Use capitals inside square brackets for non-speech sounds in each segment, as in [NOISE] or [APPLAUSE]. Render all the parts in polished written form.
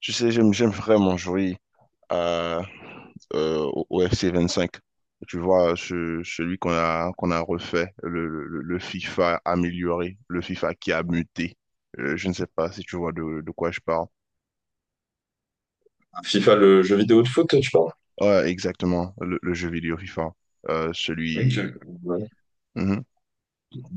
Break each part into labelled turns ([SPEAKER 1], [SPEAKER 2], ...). [SPEAKER 1] Tu sais, j'aime vraiment jouer à, au FC 25. Tu vois, celui qu'on a refait, le FIFA amélioré, le FIFA qui a muté. Je ne sais pas si tu vois de quoi je parle.
[SPEAKER 2] FIFA, le jeu vidéo de foot, tu parles?
[SPEAKER 1] Ouais, exactement, le jeu vidéo FIFA. Euh,
[SPEAKER 2] Ok.
[SPEAKER 1] celui...
[SPEAKER 2] Ouais.
[SPEAKER 1] Mhm.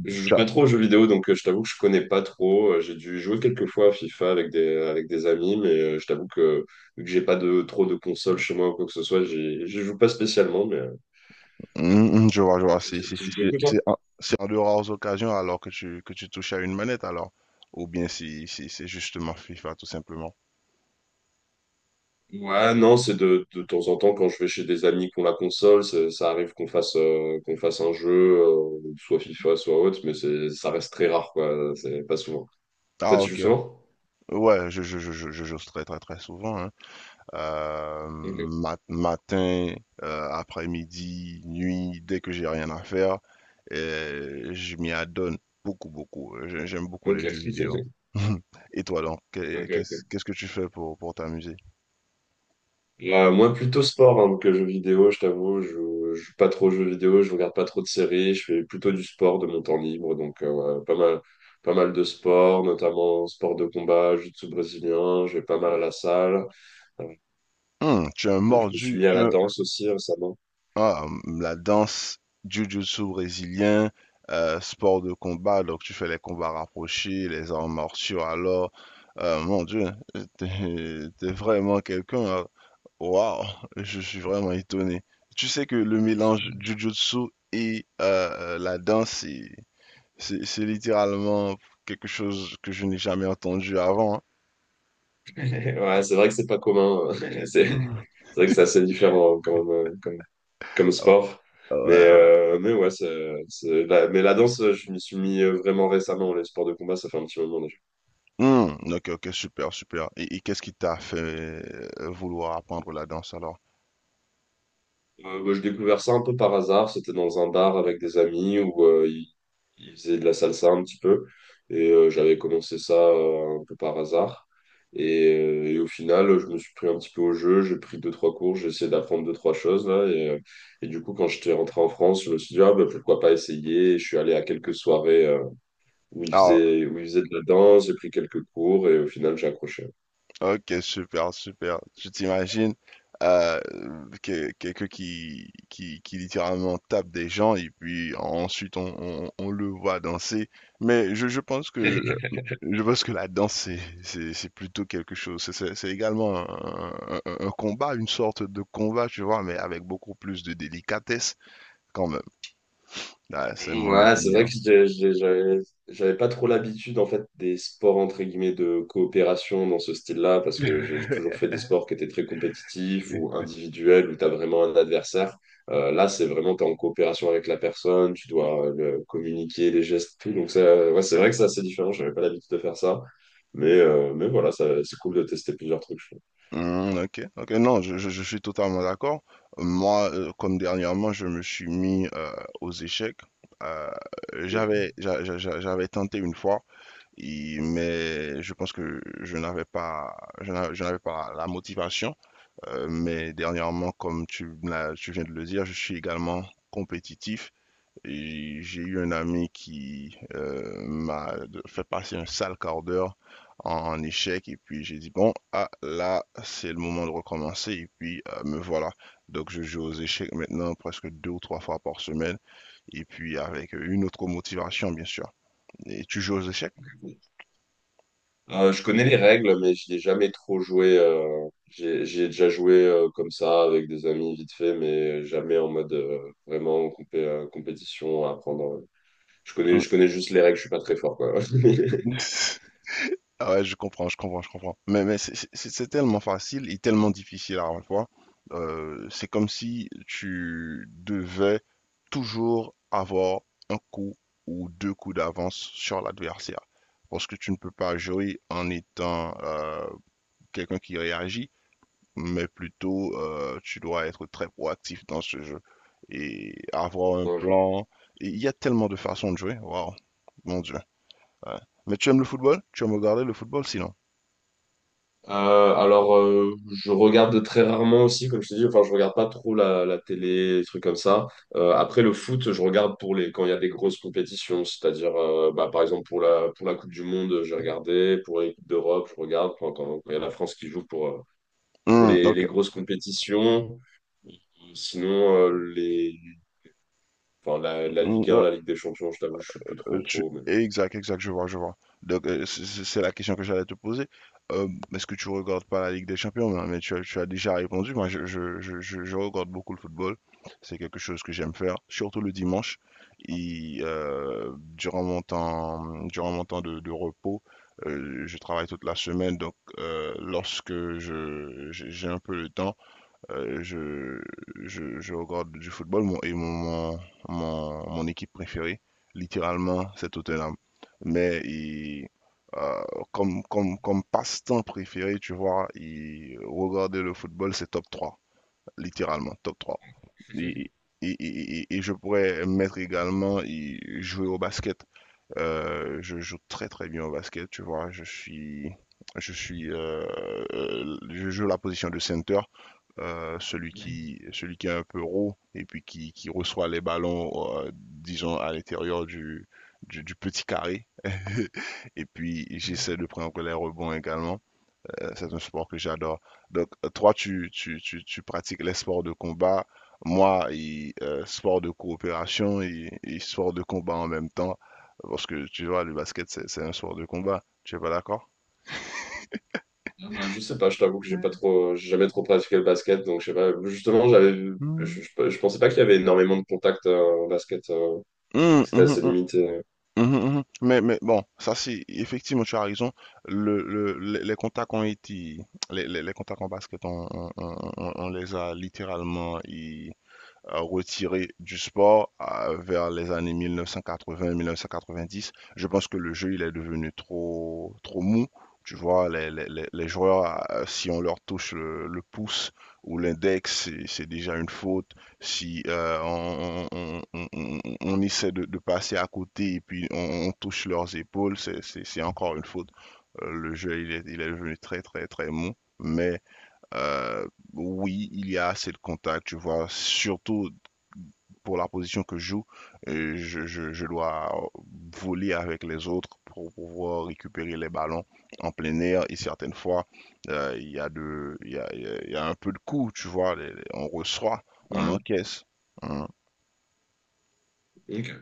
[SPEAKER 2] Je joue
[SPEAKER 1] Tu as-
[SPEAKER 2] pas trop aux jeux vidéo, donc je t'avoue que je connais pas trop. J'ai dû jouer quelques fois à FIFA avec des amis, mais je t'avoue que vu que j'ai pas de trop de consoles chez moi ou quoi que ce soit, j'y joue pas spécialement. Mais
[SPEAKER 1] Mhm, je vois, je vois.
[SPEAKER 2] tu
[SPEAKER 1] C'est c'est-
[SPEAKER 2] tu
[SPEAKER 1] c'est-
[SPEAKER 2] joues
[SPEAKER 1] c'est-
[SPEAKER 2] beaucoup toi?
[SPEAKER 1] c'est en, c'est en de rares occasions alors que que tu touches à une manette, alors. Ou bien c'est justement FIFA, tout simplement.
[SPEAKER 2] Ouais, non, c'est de temps en temps quand je vais chez des amis qui ont la console, ça arrive qu'on fasse un jeu, soit FIFA, soit autre, mais c'est ça reste très rare quoi. C'est pas souvent. Toi,
[SPEAKER 1] Ah,
[SPEAKER 2] tu joues
[SPEAKER 1] ok.
[SPEAKER 2] souvent?
[SPEAKER 1] Ouais, je j'ose très très très souvent, hein.
[SPEAKER 2] Ok.
[SPEAKER 1] Matin, après-midi, nuit, dès que j'ai rien à faire, je m'y adonne beaucoup beaucoup. J'aime beaucoup les
[SPEAKER 2] Ok.
[SPEAKER 1] jeux vidéo.
[SPEAKER 2] [LAUGHS]
[SPEAKER 1] [LAUGHS] Et toi donc, qu'est-
[SPEAKER 2] Ok. Ok.
[SPEAKER 1] qu'est-ce qu'est-ce que tu fais pour t'amuser?
[SPEAKER 2] Moi, plutôt sport hein, que jeux vidéo, je t'avoue. Je joue pas trop aux jeux vidéo, je regarde pas trop de séries. Je fais plutôt du sport de mon temps libre. Donc, ouais, pas mal, pas mal de sport, notamment sport de combat, jiu-jitsu brésilien. Je vais pas mal à la salle. Euh,
[SPEAKER 1] Hum, tu es un
[SPEAKER 2] je me suis
[SPEAKER 1] mordu,
[SPEAKER 2] mis à la
[SPEAKER 1] tu es
[SPEAKER 2] danse aussi récemment.
[SPEAKER 1] Ah, la danse, jiu-jitsu brésilien, sport de combat, donc tu fais les combats rapprochés, les arts martiaux, alors, mon Dieu, t'es vraiment quelqu'un, hein. Waouh, je suis vraiment étonné. Tu sais que le mélange jiu-jitsu et la danse, c'est littéralement quelque chose que je n'ai jamais entendu avant, hein.
[SPEAKER 2] [LAUGHS] Ouais, c'est vrai que c'est pas commun. [LAUGHS] C'est
[SPEAKER 1] Hmm.
[SPEAKER 2] c'est vrai que c'est assez différent hein, comme sport.
[SPEAKER 1] Ouais,
[SPEAKER 2] Mais,
[SPEAKER 1] ouais.
[SPEAKER 2] euh, mais ouais, mais la danse, je m'y suis mis vraiment récemment. Les sports de combat, ça fait un petit moment.
[SPEAKER 1] Ok, ok, super, super. Et qu'est-ce qui t'a fait vouloir apprendre la danse alors?
[SPEAKER 2] Bah, j'ai découvert ça un peu par hasard. C'était dans un bar avec des amis où ils faisaient de la salsa un petit peu. Et j'avais commencé ça un peu par hasard. Et au final, je me suis pris un petit peu au jeu. J'ai pris deux, trois cours. J'ai essayé d'apprendre deux, trois choses. Là, et du coup, quand j'étais rentré en France, je me suis dit, ah, bah, pourquoi pas essayer. Je suis allé à quelques soirées où ils
[SPEAKER 1] Ah,
[SPEAKER 2] faisaient, où ils faisaient de la danse. J'ai pris quelques cours et au final, j'ai accroché.
[SPEAKER 1] ok, super, super. Tu t'imagines euh, quelqu'un qui littéralement tape des gens et puis ensuite on le voit danser. Mais je pense que la danse c'est plutôt quelque chose. C'est également un combat, une sorte de combat, tu vois, mais avec beaucoup plus de délicatesse quand même. Là, c'est mon
[SPEAKER 2] Ouais, c'est vrai que
[SPEAKER 1] opinion.
[SPEAKER 2] j'avais pas trop l'habitude en fait des sports entre guillemets de coopération dans ce style-là parce que j'ai toujours fait des sports qui étaient très compétitifs ou individuels où tu as vraiment un adversaire. Là, c'est vraiment tu es en coopération avec la personne, tu dois communiquer les gestes, tout. Donc ça, ouais, c'est vrai que c'est assez différent, j'avais pas l'habitude de faire ça. Mais voilà, c'est cool de tester plusieurs trucs, je
[SPEAKER 1] Hmm, ok, ok, non, je suis totalement d'accord. Moi, comme dernièrement, je me suis mis aux échecs. Euh,
[SPEAKER 2] trouve.
[SPEAKER 1] j'avais, j'a- j'a- j'a- J'avais tenté une fois, mais je pense que je n'avais pas la motivation. Mais dernièrement, comme me tu viens de le dire, je suis également compétitif et j'ai eu un ami qui m'a fait passer un sale quart d'heure en échec et puis j'ai dit bon, ah là, c'est le moment de recommencer et puis me voilà. Donc je joue aux échecs maintenant presque deux ou trois fois par semaine et puis avec une autre motivation, bien sûr. Et tu joues aux échecs?
[SPEAKER 2] Je connais les règles, mais j'y ai jamais trop joué. J'ai déjà joué, comme ça avec des amis vite fait, mais jamais en mode vraiment compétition à apprendre. Je connais juste les règles, je suis pas très fort, quoi. [LAUGHS]
[SPEAKER 1] [LAUGHS] Ah ouais, je comprends, je comprends, je comprends. Mais c'est tellement facile et tellement difficile à la fois. C'est comme si tu devais toujours avoir un coup ou deux coups d'avance sur l'adversaire. Parce que tu ne peux pas jouer en étant quelqu'un qui réagit, mais plutôt tu dois être très proactif dans ce jeu et avoir un
[SPEAKER 2] Ouais, je vois.
[SPEAKER 1] plan. Et il y a tellement de façons de jouer. Waouh, mon Dieu. Ouais. Mais tu aimes le football? Tu aimes regarder le football sinon?
[SPEAKER 2] Alors, je regarde très rarement aussi, comme je t'ai dit, enfin, je regarde pas trop la télé, des trucs comme ça. Après le foot, je regarde quand il y a des grosses compétitions, c'est-à-dire, bah, par exemple, pour la Coupe du Monde, j'ai regardé, pour les Coupes d'Europe, je regarde, quand il y a la France qui joue pour
[SPEAKER 1] Hmm,
[SPEAKER 2] les,
[SPEAKER 1] ok.
[SPEAKER 2] les grosses compétitions. Sinon, enfin, la
[SPEAKER 1] Hmm,
[SPEAKER 2] Ligue 1, la Ligue des Champions, je t'avoue, je suis plus trop, trop. Mais...
[SPEAKER 1] Exact, exact, je vois, je vois. Donc, c'est la question que j'allais te poser. Euh, Est-ce que tu regardes pas la Ligue des Champions? Non, mais tu as déjà répondu. Moi, je regarde beaucoup le football. C'est quelque chose que j'aime faire, surtout le dimanche. Et, durant durant mon temps de repos, je travaille toute la semaine. Donc, lorsque j'ai un peu le temps, Euh, je, je regarde du football. Mon, et mon, mon, mon, Mon équipe préférée, littéralement, c'est Tottenham. Mais il- euh, Comme, comme passe-temps préféré, tu vois, regarder le football, c'est top 3 littéralement, top trois. Et,
[SPEAKER 2] [LAUGHS]
[SPEAKER 1] et je pourrais mettre également jouer au basket. Je joue très très bien au basket, tu vois, je suis... Je suis, je joue la position de center, celui qui est un peu raw et puis qui reçoit les ballons, disons, à l'intérieur du petit carré. [LAUGHS] Et puis, j'essaie de prendre les rebonds également. C'est un sport que j'adore. Donc, toi, tu pratiques les sports de combat. Moi, sport de coopération et sport de combat en même temps. Parce que, tu vois, le basket, c'est un sport de combat. Tu es pas d'accord?
[SPEAKER 2] Ah, bah, je sais pas, je t'avoue que j'ai pas
[SPEAKER 1] Mm.
[SPEAKER 2] trop, j'ai jamais trop pratiqué le basket, donc je sais pas. Justement, je pensais pas qu'il y avait énormément de contacts en basket,
[SPEAKER 1] Hum,
[SPEAKER 2] que c'était
[SPEAKER 1] hum,
[SPEAKER 2] assez
[SPEAKER 1] hum.
[SPEAKER 2] limité.
[SPEAKER 1] Mhm, mhm. Mais bon, ça, c'est effectivement, tu as raison. Les contacts ont été, les contacts en basket, on les a littéralement retiré du sport vers les années 1980-1990. Je pense que le jeu, il est devenu trop, trop mou. Tu vois, les joueurs, si on leur touche le pouce ou l'index, c'est déjà une faute. Si on essaie de passer à côté et puis on touche leurs épaules, c'est encore une faute. Le jeu, il est devenu très, très, très mou. Mais euh, oui, il y a assez de contacts, tu vois, surtout pour la position que je joue, je dois voler avec les autres pour pouvoir récupérer les ballons en plein air. Et certaines fois, un peu de coups, tu vois. On reçoit, on
[SPEAKER 2] Ouais.
[SPEAKER 1] encaisse. Hein,
[SPEAKER 2] Ok.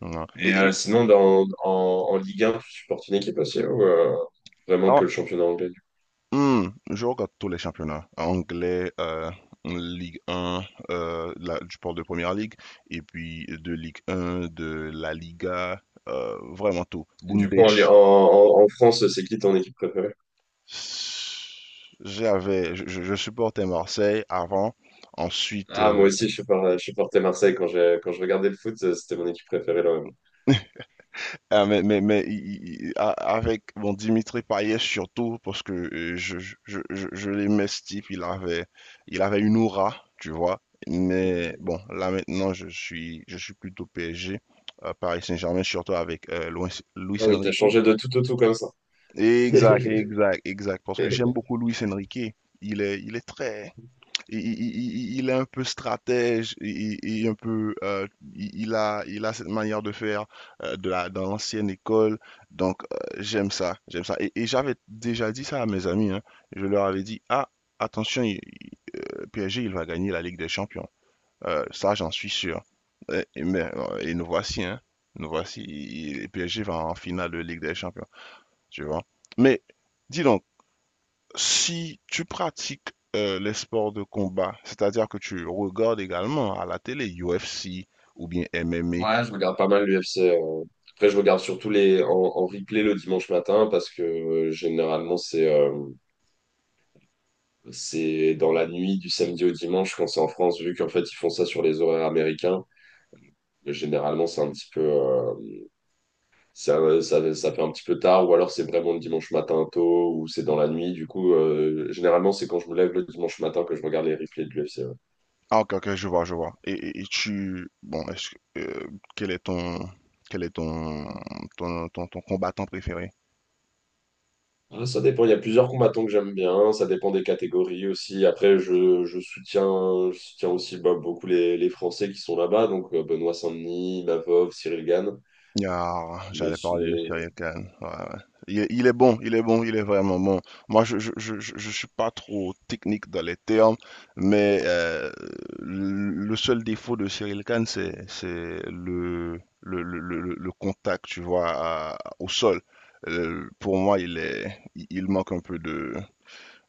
[SPEAKER 1] hein.
[SPEAKER 2] Et sinon, en Ligue 1, tu supportes une équipe aussi ou vraiment
[SPEAKER 1] Ah,
[SPEAKER 2] que le championnat anglais?
[SPEAKER 1] hmm, je regarde tous les championnats. Anglais, Ligue 1, je parle de Première Ligue, et puis de Ligue 1, de la Liga, vraiment tout.
[SPEAKER 2] Du
[SPEAKER 1] Bundes...
[SPEAKER 2] coup, en France, c'est qui ton équipe préférée?
[SPEAKER 1] J'avais, supportais Marseille avant. Ensuite,
[SPEAKER 2] Ah, moi aussi, je supportais Marseille quand je regardais le foot, c'était mon équipe préférée là.
[SPEAKER 1] ah, mais avec bon, Dimitri Payet surtout, parce que je l'aimais ce type, il avait une aura, tu vois. Mais bon, là maintenant, je suis plutôt PSG, Paris Saint-Germain, surtout avec Luis
[SPEAKER 2] Ah oui, t'as
[SPEAKER 1] Enrique.
[SPEAKER 2] changé de tout au tout comme ça.
[SPEAKER 1] Exact,
[SPEAKER 2] [LAUGHS]
[SPEAKER 1] exact, exact, parce que j'aime beaucoup Luis Enrique. Il est très... Il est un peu stratège, il est un peu, il a cette manière de faire dans l'ancienne école. Donc, j'aime ça, j'aime ça. Et j'avais déjà dit ça à mes amis, hein. Je leur avais dit, ah, attention, le PSG, il va gagner la Ligue des Champions. Ça, j'en suis sûr. Et nous voici, hein. Nous voici, le PSG va en finale de Ligue des Champions, tu vois. Mais, dis donc, si tu pratiques les sports de combat, c'est-à-dire que tu regardes également à la télé UFC ou bien MMA.
[SPEAKER 2] Ouais, je regarde pas mal l'UFC. Après, je regarde surtout en replay le dimanche matin parce que généralement c'est dans la nuit du samedi au dimanche quand c'est en France, vu qu'en fait ils font ça sur les horaires américains. Mais généralement, c'est un petit peu, ça fait un petit peu tard, ou alors c'est vraiment le dimanche matin tôt, ou c'est dans la nuit. Du coup, généralement, c'est quand je me lève le dimanche matin que je regarde les replays de l'UFC. Ouais.
[SPEAKER 1] Ah, ok, ok, je vois, je vois. Et tu, bon, quel est ton, quel est ton, ton combattant préféré?
[SPEAKER 2] Ah, ça dépend, il y a plusieurs combattants que j'aime bien, ça dépend des catégories aussi. Après, je soutiens aussi bah, beaucoup les Français qui sont là-bas, donc Benoît Saint-Denis, Mavov, Cyril Gann.
[SPEAKER 1] Ah,
[SPEAKER 2] Mais
[SPEAKER 1] j'allais parler de
[SPEAKER 2] sinon,
[SPEAKER 1] Cyril Kane. Ouais, ouais. Il est bon, il est bon, il est vraiment bon. Moi, je suis pas trop technique dans les termes, mais le seul défaut de Cyril Kane, c'est le contact, tu vois, au sol. Pour moi, il manque un peu de,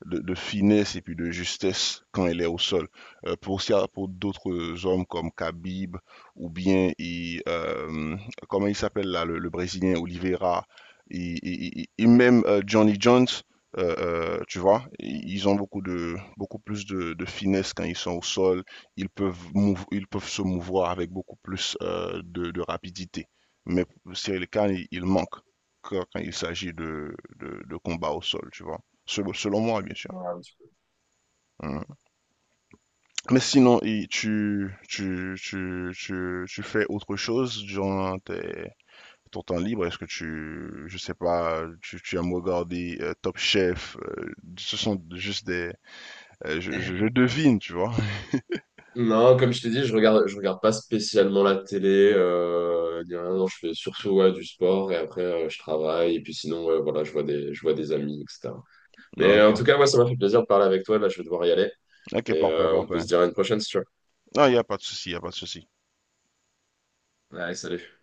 [SPEAKER 1] de, de finesse et puis de justesse quand elle est au sol. Pour ça, pour d'autres hommes comme Khabib ou bien, comment il s'appelle là, le Brésilien Oliveira et même Johnny Jones, tu vois, ils ont beaucoup de beaucoup plus de finesse quand ils sont au sol. Ils peuvent se mouvoir avec beaucoup plus de rapidité. Mais Cyril Kane, il manque quand, quand il s'agit de combat au sol, tu vois. Selon moi, bien sûr.
[SPEAKER 2] voilà, un petit
[SPEAKER 1] Mhm. Mais sinon, tu fais autre chose durant ton temps libre? Est-ce que je sais pas, tu aimes regarder Top Chef? Euh, ce sont juste des, je
[SPEAKER 2] peu.
[SPEAKER 1] devine, tu vois. [LAUGHS]
[SPEAKER 2] Non, comme je t'ai dit, je regarde pas spécialement la télé, ni rien. Non, je fais surtout ouais, du sport et après je travaille et puis sinon ouais, voilà, je vois des amis, etc. Mais
[SPEAKER 1] Ok,
[SPEAKER 2] en tout cas, ouais, ça m'a fait plaisir de parler avec toi. Là, je vais devoir y aller
[SPEAKER 1] ok,
[SPEAKER 2] et
[SPEAKER 1] parfait,
[SPEAKER 2] on peut se
[SPEAKER 1] parfait.
[SPEAKER 2] dire à une prochaine si tu veux.
[SPEAKER 1] Non, il n'y a pas de souci, il n'y a pas de souci.
[SPEAKER 2] Allez, salut.